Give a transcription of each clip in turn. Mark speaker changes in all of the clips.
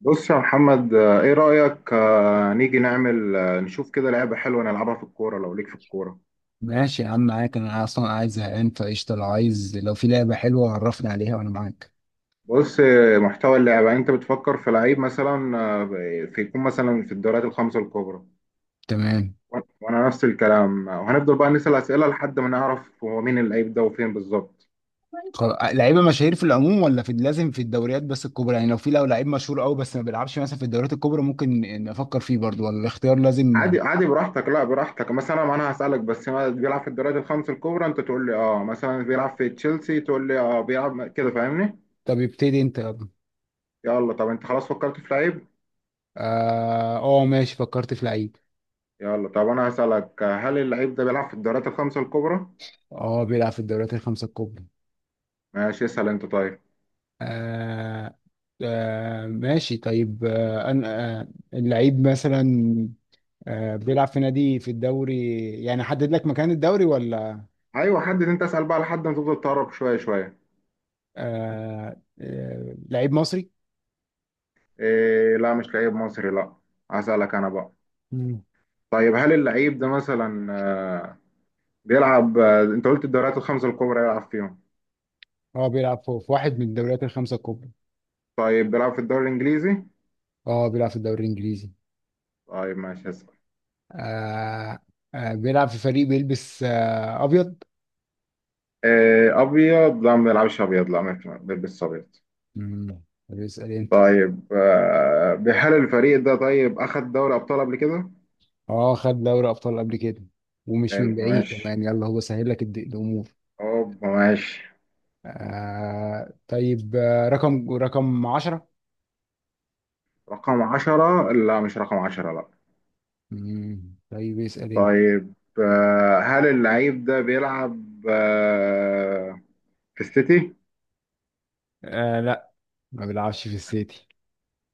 Speaker 1: بص يا محمد، ايه رأيك؟ نيجي نعمل نشوف كده لعبة حلوة نلعبها في الكورة لو ليك في الكورة.
Speaker 2: ماشي يا عم، معاك. انا اصلا قاعد زهقان فقشطه. لو عايز، لو في لعبه حلوه عرفني عليها وانا معاك.
Speaker 1: بص، محتوى اللعبة انت بتفكر في لعيب مثلا في يكون مثلا في الدوريات الخمسة الكبرى.
Speaker 2: تمام.
Speaker 1: وأنا نفس الكلام، وهنفضل بقى نسأل أسئلة لحد ما نعرف هو مين اللعيب ده وفين بالظبط.
Speaker 2: خلاص، لعيبه مشاهير في العموم ولا في لازم في الدوريات بس الكبرى؟ يعني لو لعيب مشهور قوي بس ما بيلعبش مثلا في الدوريات الكبرى، ممكن نفكر فيه برضو، ولا الاختيار لازم؟
Speaker 1: عادي عادي، براحتك. لا براحتك، مثلا انا هسألك بس ما بيلعب في الدوريات الخمسة الكبرى، انت تقول لي اه مثلا بيلعب في تشيلسي، تقول لي اه بيلعب، كده فاهمني.
Speaker 2: طب ابتدي انت، يلا.
Speaker 1: يلا طب انت خلاص فكرت في لعيب؟
Speaker 2: اه آه، ماشي. فكرت في لعيب.
Speaker 1: يلا طب انا هسألك، هل اللعيب ده بيلعب في الدوريات الخمسة الكبرى؟
Speaker 2: اه، بيلعب في الدوريات الخمسه الكبرى.
Speaker 1: ماشي، اسأل انت طيب.
Speaker 2: آه. ماشي طيب. أنا. اللعيب مثلا، بيلعب في نادي في الدوري، يعني حدد لك مكان الدوري ولا؟
Speaker 1: ايوه، حدد انت، اسأل بقى لحد ما تفضل تقرب شوية شوية.
Speaker 2: لعيب مصري؟
Speaker 1: إيه، لا، مش لعيب مصري، لا. هسألك انا بقى.
Speaker 2: مم.
Speaker 1: طيب هل اللعيب ده مثلا بيلعب، انت قلت الدوريات الخمسة الكبرى يلعب فيهم؟
Speaker 2: اه، بيلعب في واحد من الدوريات الخمسة الكبرى.
Speaker 1: طيب بيلعب في الدوري الانجليزي؟
Speaker 2: اه، بيلعب في الدوري الإنجليزي.
Speaker 1: طيب ماشي هسأل.
Speaker 2: آه. بيلعب في فريق بيلبس أبيض.
Speaker 1: إيه، ابيض؟ لا، ما بيلعبش ابيض، لا، ما بيلبسش ابيض.
Speaker 2: بيسأل أنت.
Speaker 1: طيب، هل الفريق ده طيب اخد دوري ابطال قبل كده؟
Speaker 2: اه، خد دوري أبطال قبل كده، ومش من
Speaker 1: حلو،
Speaker 2: بعيد
Speaker 1: ماشي.
Speaker 2: كمان. يلا هو سهل لك الأمور.
Speaker 1: اوبا، ماشي.
Speaker 2: آه طيب. رقم 10.
Speaker 1: رقم عشرة؟ لا، مش رقم عشرة، لا.
Speaker 2: طيب، اسأل أنت.
Speaker 1: طيب، هل اللعيب ده بيلعب آه، في السيتي؟
Speaker 2: لا، ما بيلعبش في السيتي.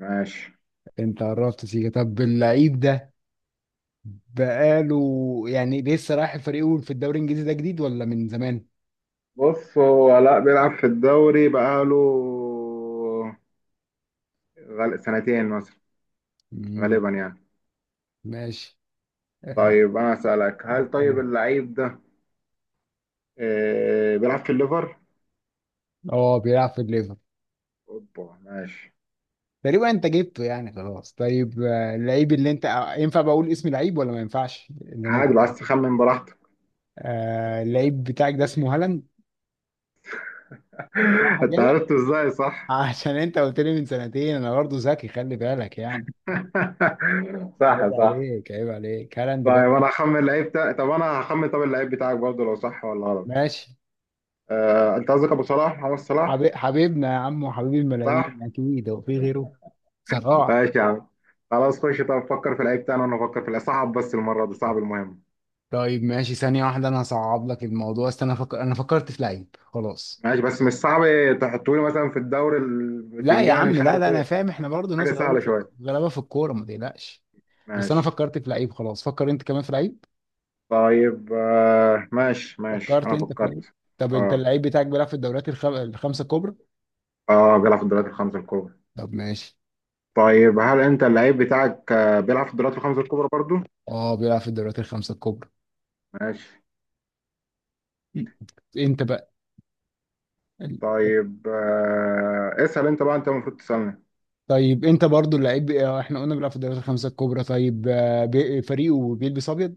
Speaker 1: ماشي.
Speaker 2: انت قربت سيكا. طب اللعيب ده بقاله، يعني لسه رايح الفريق في الدوري الانجليزي، ده جديد ولا من زمان؟
Speaker 1: بص، هو لا بيلعب في الدوري، بقاله سنتين مثلا،
Speaker 2: مم.
Speaker 1: غالبا يعني.
Speaker 2: ماشي. اه،
Speaker 1: طيب انا اسألك، هل طيب
Speaker 2: استنى.
Speaker 1: اللعيب ده بيلعب في الليفر؟
Speaker 2: اه، بيلعب في الليفر.
Speaker 1: اوبا، ماشي.
Speaker 2: تقريبا انت جبته يعني، خلاص. طيب اللعيب اللي انت، ينفع بقول اسم لعيب ولا ما ينفعش؟ اللي انا
Speaker 1: عادي،
Speaker 2: بفكر
Speaker 1: بس
Speaker 2: فيه.
Speaker 1: تخمن براحتك.
Speaker 2: اللعيب بتاعك ده اسمه هالاند. صح
Speaker 1: انت
Speaker 2: كده؟
Speaker 1: عرفته ازاي؟ صح؟
Speaker 2: عشان انت قلت لي من سنتين، انا برضه ذكي، خلي بالك يعني.
Speaker 1: صح،
Speaker 2: عيب
Speaker 1: صح.
Speaker 2: عليك، عيب عليك، هالاند برضه.
Speaker 1: طيب انا هخمن، طب اللعيب بتاعك برضه لو صح ولا غلط.
Speaker 2: ماشي.
Speaker 1: انت قصدك ابو صلاح، محمد صلاح.
Speaker 2: حبيبنا يا عم، وحبيب
Speaker 1: صح.
Speaker 2: الملايين. اكيد هو في غيره، صراحة.
Speaker 1: ماشي يا عم. خلاص، خش طب فكر في اللعيب بتاعنا وانا افكر في اللعيب. صعب بس، المره دي صعب، المهم.
Speaker 2: طيب ماشي، ثانية واحدة أنا هصعب لك الموضوع. استنى، أنا فكرت في لعيب خلاص.
Speaker 1: ماشي بس مش صعب. تحطوا لي مثلا في الدوري
Speaker 2: لا يا
Speaker 1: البتنجاني،
Speaker 2: عم،
Speaker 1: مش
Speaker 2: لا، لا،
Speaker 1: عارف
Speaker 2: أنا
Speaker 1: ايه.
Speaker 2: فاهم. إحنا برضه
Speaker 1: حاجه
Speaker 2: ناس غلابة
Speaker 1: سهله شويه.
Speaker 2: في الكورة، ما تقلقش. بس أنا
Speaker 1: ماشي.
Speaker 2: فكرت في لعيب خلاص، فكر أنت كمان في لعيب.
Speaker 1: طيب، ماشي، ماشي،
Speaker 2: فكرت
Speaker 1: انا
Speaker 2: أنت في لعيب؟
Speaker 1: فكرت.
Speaker 2: طب أنت،
Speaker 1: اه،
Speaker 2: اللعيب بتاعك بيلعب في الدوريات الخمسة الكبرى؟
Speaker 1: اه، بيلعب في الدوريات الخمسه الكبرى.
Speaker 2: طب ماشي.
Speaker 1: طيب هل انت اللعيب بتاعك بيلعب في الدوريات الخمسه الكبرى برضه؟
Speaker 2: أه، بيلعب في الدوريات الخمسة الكبرى.
Speaker 1: ماشي.
Speaker 2: أنت بقى.
Speaker 1: طيب، اسأل انت بقى، انت المفروض تسألني.
Speaker 2: طيب انت برضو، اللعيب احنا قلنا بيلعب في الدوريات الخمسه الكبرى. طيب فريقه بيلبس ابيض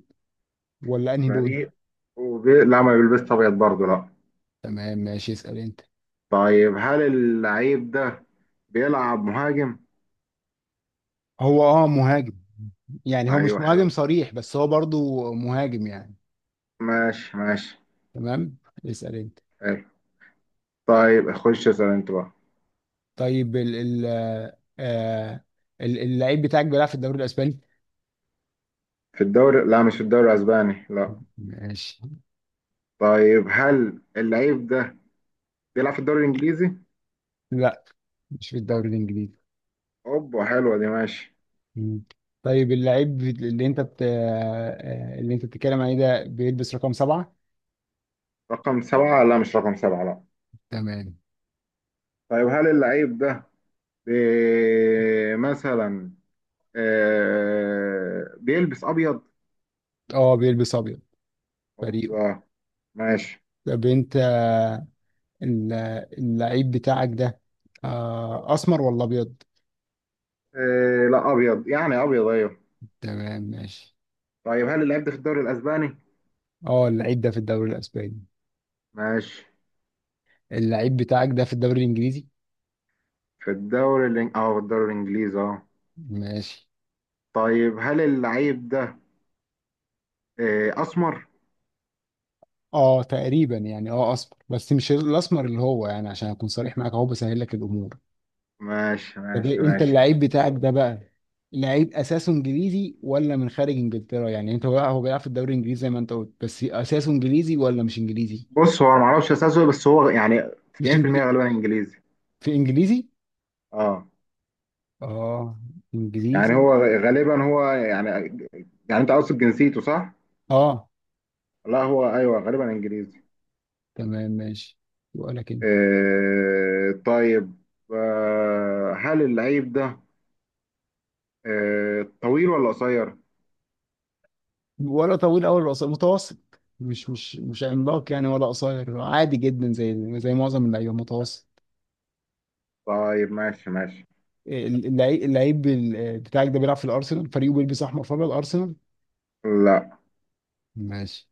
Speaker 2: ولا انهي لون؟
Speaker 1: فريق لا، ما بيلبسش ابيض برضه، لا.
Speaker 2: تمام ماشي، اسال انت.
Speaker 1: طيب هل اللعيب ده بيلعب مهاجم؟
Speaker 2: هو مهاجم. يعني هو مش
Speaker 1: ايوه،
Speaker 2: مهاجم
Speaker 1: حلو.
Speaker 2: صريح، بس هو برضو مهاجم يعني.
Speaker 1: ماشي، ماشي.
Speaker 2: تمام، اسال انت.
Speaker 1: حلو. طيب خش اسأل انت بقى.
Speaker 2: طيب ال ال آه، آه، ال- اللعيب بتاعك بيلعب في الدوري الاسباني؟
Speaker 1: في الدوري؟ لا، مش في الدوري الاسباني، لا.
Speaker 2: ماشي.
Speaker 1: طيب هل اللعيب ده بيلعب في الدوري الانجليزي؟
Speaker 2: لا، مش في الدوري الانجليزي.
Speaker 1: اوبا، حلوه دي، ماشي.
Speaker 2: مم. طيب، اللعيب اللي انت بت... آه، آه، اللي انت بتتكلم عليه ده بيلبس رقم سبعة؟
Speaker 1: رقم سبعة؟ لا، مش رقم سبعة، لا.
Speaker 2: تمام.
Speaker 1: طيب هل اللعيب ده بي... مثلا بيلبس ابيض؟
Speaker 2: اه، بيلبس ابيض فريقه.
Speaker 1: اوبا. ماشي.
Speaker 2: طب انت، ال- اللعيب بتاعك ده اسمر ولا ابيض؟
Speaker 1: إيه، لا، ابيض يعني، ابيض، ايوه.
Speaker 2: تمام ماشي.
Speaker 1: طيب هل اللعيب ده في الدوري الاسباني؟
Speaker 2: اه، اللعيب ده في الدوري الاسباني.
Speaker 1: ماشي.
Speaker 2: اللعيب بتاعك ده في الدوري الانجليزي؟
Speaker 1: اه، في الدوري الانجليزي، اه.
Speaker 2: ماشي.
Speaker 1: طيب هل اللعيب ده إيه، اسمر؟
Speaker 2: اه، تقريبا يعني اسمر، بس مش الاسمر اللي هو يعني، عشان اكون صريح معاك اهو بسهل لك الامور.
Speaker 1: ماشي،
Speaker 2: طب
Speaker 1: ماشي،
Speaker 2: انت،
Speaker 1: ماشي.
Speaker 2: اللعيب بتاعك ده بقى لعيب اساسه انجليزي ولا من خارج انجلترا؟ يعني انت بقى، هو بيلعب في الدوري الانجليزي زي ما انت قلت، بس اساسه انجليزي ولا مش انجليزي؟
Speaker 1: بص، هو انا ما اعرفش اساسه، بس هو يعني
Speaker 2: مش
Speaker 1: 90%
Speaker 2: انجليزي.
Speaker 1: غالبا انجليزي.
Speaker 2: في انجليزي.
Speaker 1: اه.
Speaker 2: اه.
Speaker 1: يعني
Speaker 2: انجليزي.
Speaker 1: هو غالبا، هو يعني، يعني انت قصد جنسيته صح؟
Speaker 2: اه.
Speaker 1: لا هو ايوه، غالبا انجليزي.
Speaker 2: تمام ماشي. وقالك انت؟
Speaker 1: إيه، طيب. هل اللعيب ده طويل ولا قصير؟
Speaker 2: ولا طويل قوي، ولا قصير، متوسط. مش عملاق يعني، ولا قصير عادي جدا، زي معظم اللعيبه، متوسط.
Speaker 1: طيب ماشي ماشي.
Speaker 2: اللعيب بتاعك ده بيلعب في الارسنال، فريقه بيلبس احمر فابيض، ارسنال؟
Speaker 1: لا.
Speaker 2: ماشي.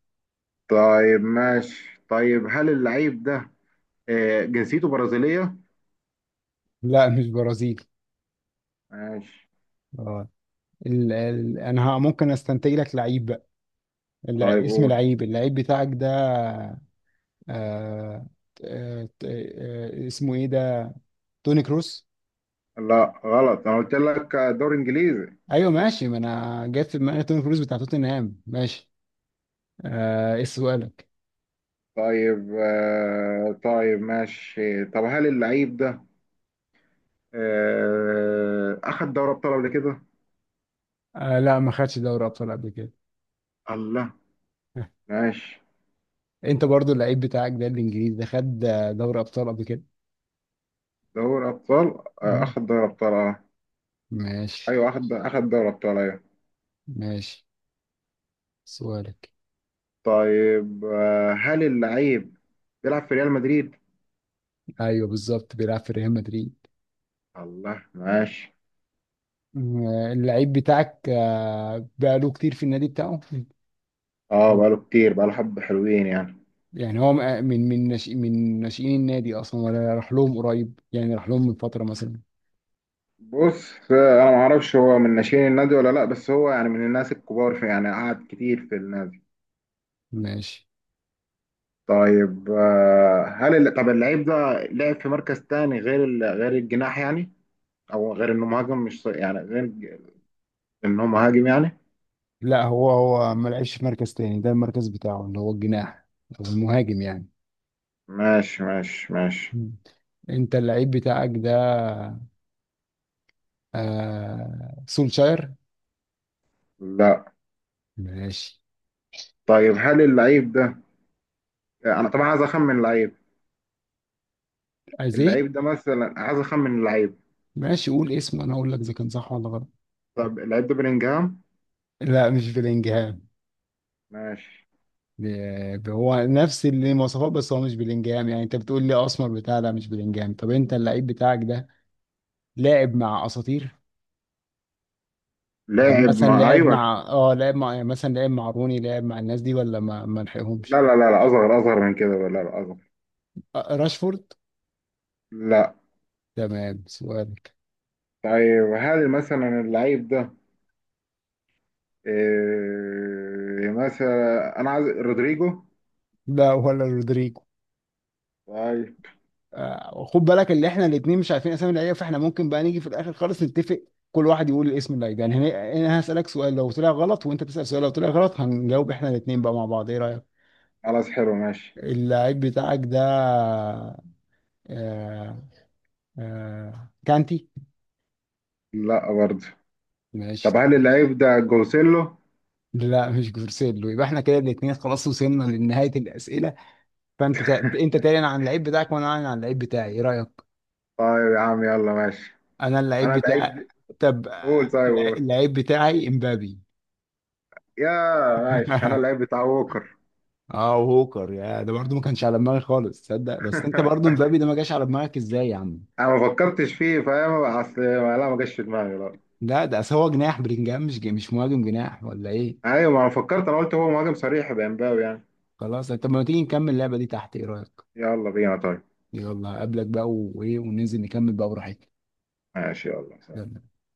Speaker 1: طيب ماشي، طيب هل اللعيب ده جنسيته برازيلية؟
Speaker 2: لا، مش برازيلي.
Speaker 1: ماشي.
Speaker 2: اه. ال ال انا ممكن استنتج لك لعيب بقى.
Speaker 1: طيب
Speaker 2: اسم
Speaker 1: قول.
Speaker 2: لعيب، اللعيب بتاعك ده. آه اسمه ايه ده؟ توني كروس؟
Speaker 1: لا غلط، انا قلت لك دور انجليزي.
Speaker 2: ايوه ماشي. ما انا جت في دماغي توم كروز بتاع توتنهام. ماشي. ايه سؤالك؟
Speaker 1: طيب، طيب ماشي، طب هل اللعيب ده اخد دوري ابطال قبل كده؟
Speaker 2: لا، ما خدش دوري ابطال قبل كده.
Speaker 1: الله، ماشي.
Speaker 2: انت برضو، اللعيب بتاعك ده الانجليزي ده، خد دوري ابطال قبل كده؟
Speaker 1: دوري ابطال؟
Speaker 2: مم.
Speaker 1: اخد دوري ابطال، اه.
Speaker 2: ماشي
Speaker 1: ايوه، اخد دوري ابطال، ايوه.
Speaker 2: ماشي، سؤالك.
Speaker 1: طيب، هل اللعيب بيلعب في ريال مدريد؟
Speaker 2: ايوه بالظبط، بيلعب في ريال مدريد.
Speaker 1: الله، ماشي.
Speaker 2: مم. اللعيب بتاعك بقاله كتير في النادي بتاعه؟
Speaker 1: اه
Speaker 2: مم.
Speaker 1: بقاله كتير، بقاله حبة حلوين يعني.
Speaker 2: يعني هو من ناشئين النادي اصلا، ولا راح لهم قريب يعني راح لهم من فترة مثلا؟
Speaker 1: بص، انا ما اعرفش هو من ناشئين النادي ولا لا، بس هو يعني من الناس الكبار في، يعني قعد كتير في النادي.
Speaker 2: ماشي.
Speaker 1: طيب، طب اللعيب ده لعب في مركز تاني غير غير الجناح يعني، او غير انه مهاجم، مش ص- يعني غير ج- انه مهاجم يعني؟
Speaker 2: لا، هو ما لعبش في مركز تاني، ده المركز بتاعه اللي هو الجناح، او المهاجم يعني.
Speaker 1: ماشي، ماشي، ماشي.
Speaker 2: مم. انت اللعيب بتاعك ده سولشاير؟
Speaker 1: لا.
Speaker 2: ماشي.
Speaker 1: طيب هل اللعيب ده، انا طبعا عايز اخمن اللعيب.
Speaker 2: ازيه؟
Speaker 1: اللعيب ده مثلا، عايز اخمن اللعيب.
Speaker 2: ماشي، قول اسمه انا اقول لك اذا كان صح ولا غلط.
Speaker 1: طب اللعيب ده بلينجهام؟
Speaker 2: لا، مش بلينجهام.
Speaker 1: ماشي.
Speaker 2: هو نفس المواصفات، بس هو مش بلينجهام يعني، انت بتقول لي اسمر بتاع، لا مش بلينجهام. طب انت، اللعيب بتاعك ده لاعب مع اساطير؟ يعني
Speaker 1: لاعب؟
Speaker 2: مثلا
Speaker 1: ما
Speaker 2: لعب
Speaker 1: ايوه.
Speaker 2: مع لعب مع يعني مثلا لعب مع روني، لعب مع الناس دي ولا ما لحقهمش؟
Speaker 1: لا، لا، لا، لا، اصغر اصغر من كده، لا، لا، اصغر.
Speaker 2: راشفورد؟
Speaker 1: لا.
Speaker 2: تمام، سؤالك.
Speaker 1: طيب هل مثلا اللعيب ده إيه، مثلا انا عايز رودريجو؟
Speaker 2: لا، ولا رودريجو.
Speaker 1: طيب.
Speaker 2: خد بالك، اللي احنا الاثنين مش عارفين اسامي اللعيبه، فاحنا ممكن بقى نيجي في الاخر خالص نتفق. كل واحد يقول الاسم اللعيب يعني، انا هسالك سؤال لو طلع غلط، وانت تسال سؤال لو طلع غلط، هنجاوب احنا الاثنين بقى مع بعض، ايه رايك؟
Speaker 1: خلاص، حلو، ماشي.
Speaker 2: اللعيب بتاعك ده آه كانتي؟
Speaker 1: لا برضه.
Speaker 2: ماشي.
Speaker 1: طب هل اللعيب ده جوسيلو؟
Speaker 2: لا، مش جورسيلو. يبقى احنا كده الاثنين خلاص وصلنا لنهايه الاسئله. فانت انت تعلن عن اللعيب بتاعك وانا اعلن عن اللعيب بتاعي، ايه رايك؟
Speaker 1: طيب يا عم، يلا ماشي.
Speaker 2: انا اللعيب
Speaker 1: انا
Speaker 2: بتاع.
Speaker 1: اللعيب.
Speaker 2: طب،
Speaker 1: قول، طيب قول.
Speaker 2: اللعيب بتاعي امبابي.
Speaker 1: يا، ماشي، انا اللعيب بتاع ووكر.
Speaker 2: اه، وهوكر يا! ده برضه ما كانش على دماغي خالص تصدق. بس انت برضه، امبابي ده ما جاش على دماغك ازاي يا عم؟
Speaker 1: انا ما فكرتش فيه، فاهم اصل؟ لا، ما جاش في دماغي، لا.
Speaker 2: لا، ده أصل هو جناح بلينجهام، مش مش مهاجم، جناح ولا ايه؟
Speaker 1: ايوه، ما انا فكرت، انا قلت هو مهاجم صريح بامباو يعني.
Speaker 2: خلاص، طب ما تيجي نكمل اللعبه دي تحت، ايه رايك؟
Speaker 1: يلا بينا، طيب.
Speaker 2: يلا اقابلك بقى وايه، وننزل نكمل بقى براحتنا.
Speaker 1: ماشي، يلا.
Speaker 2: يلا.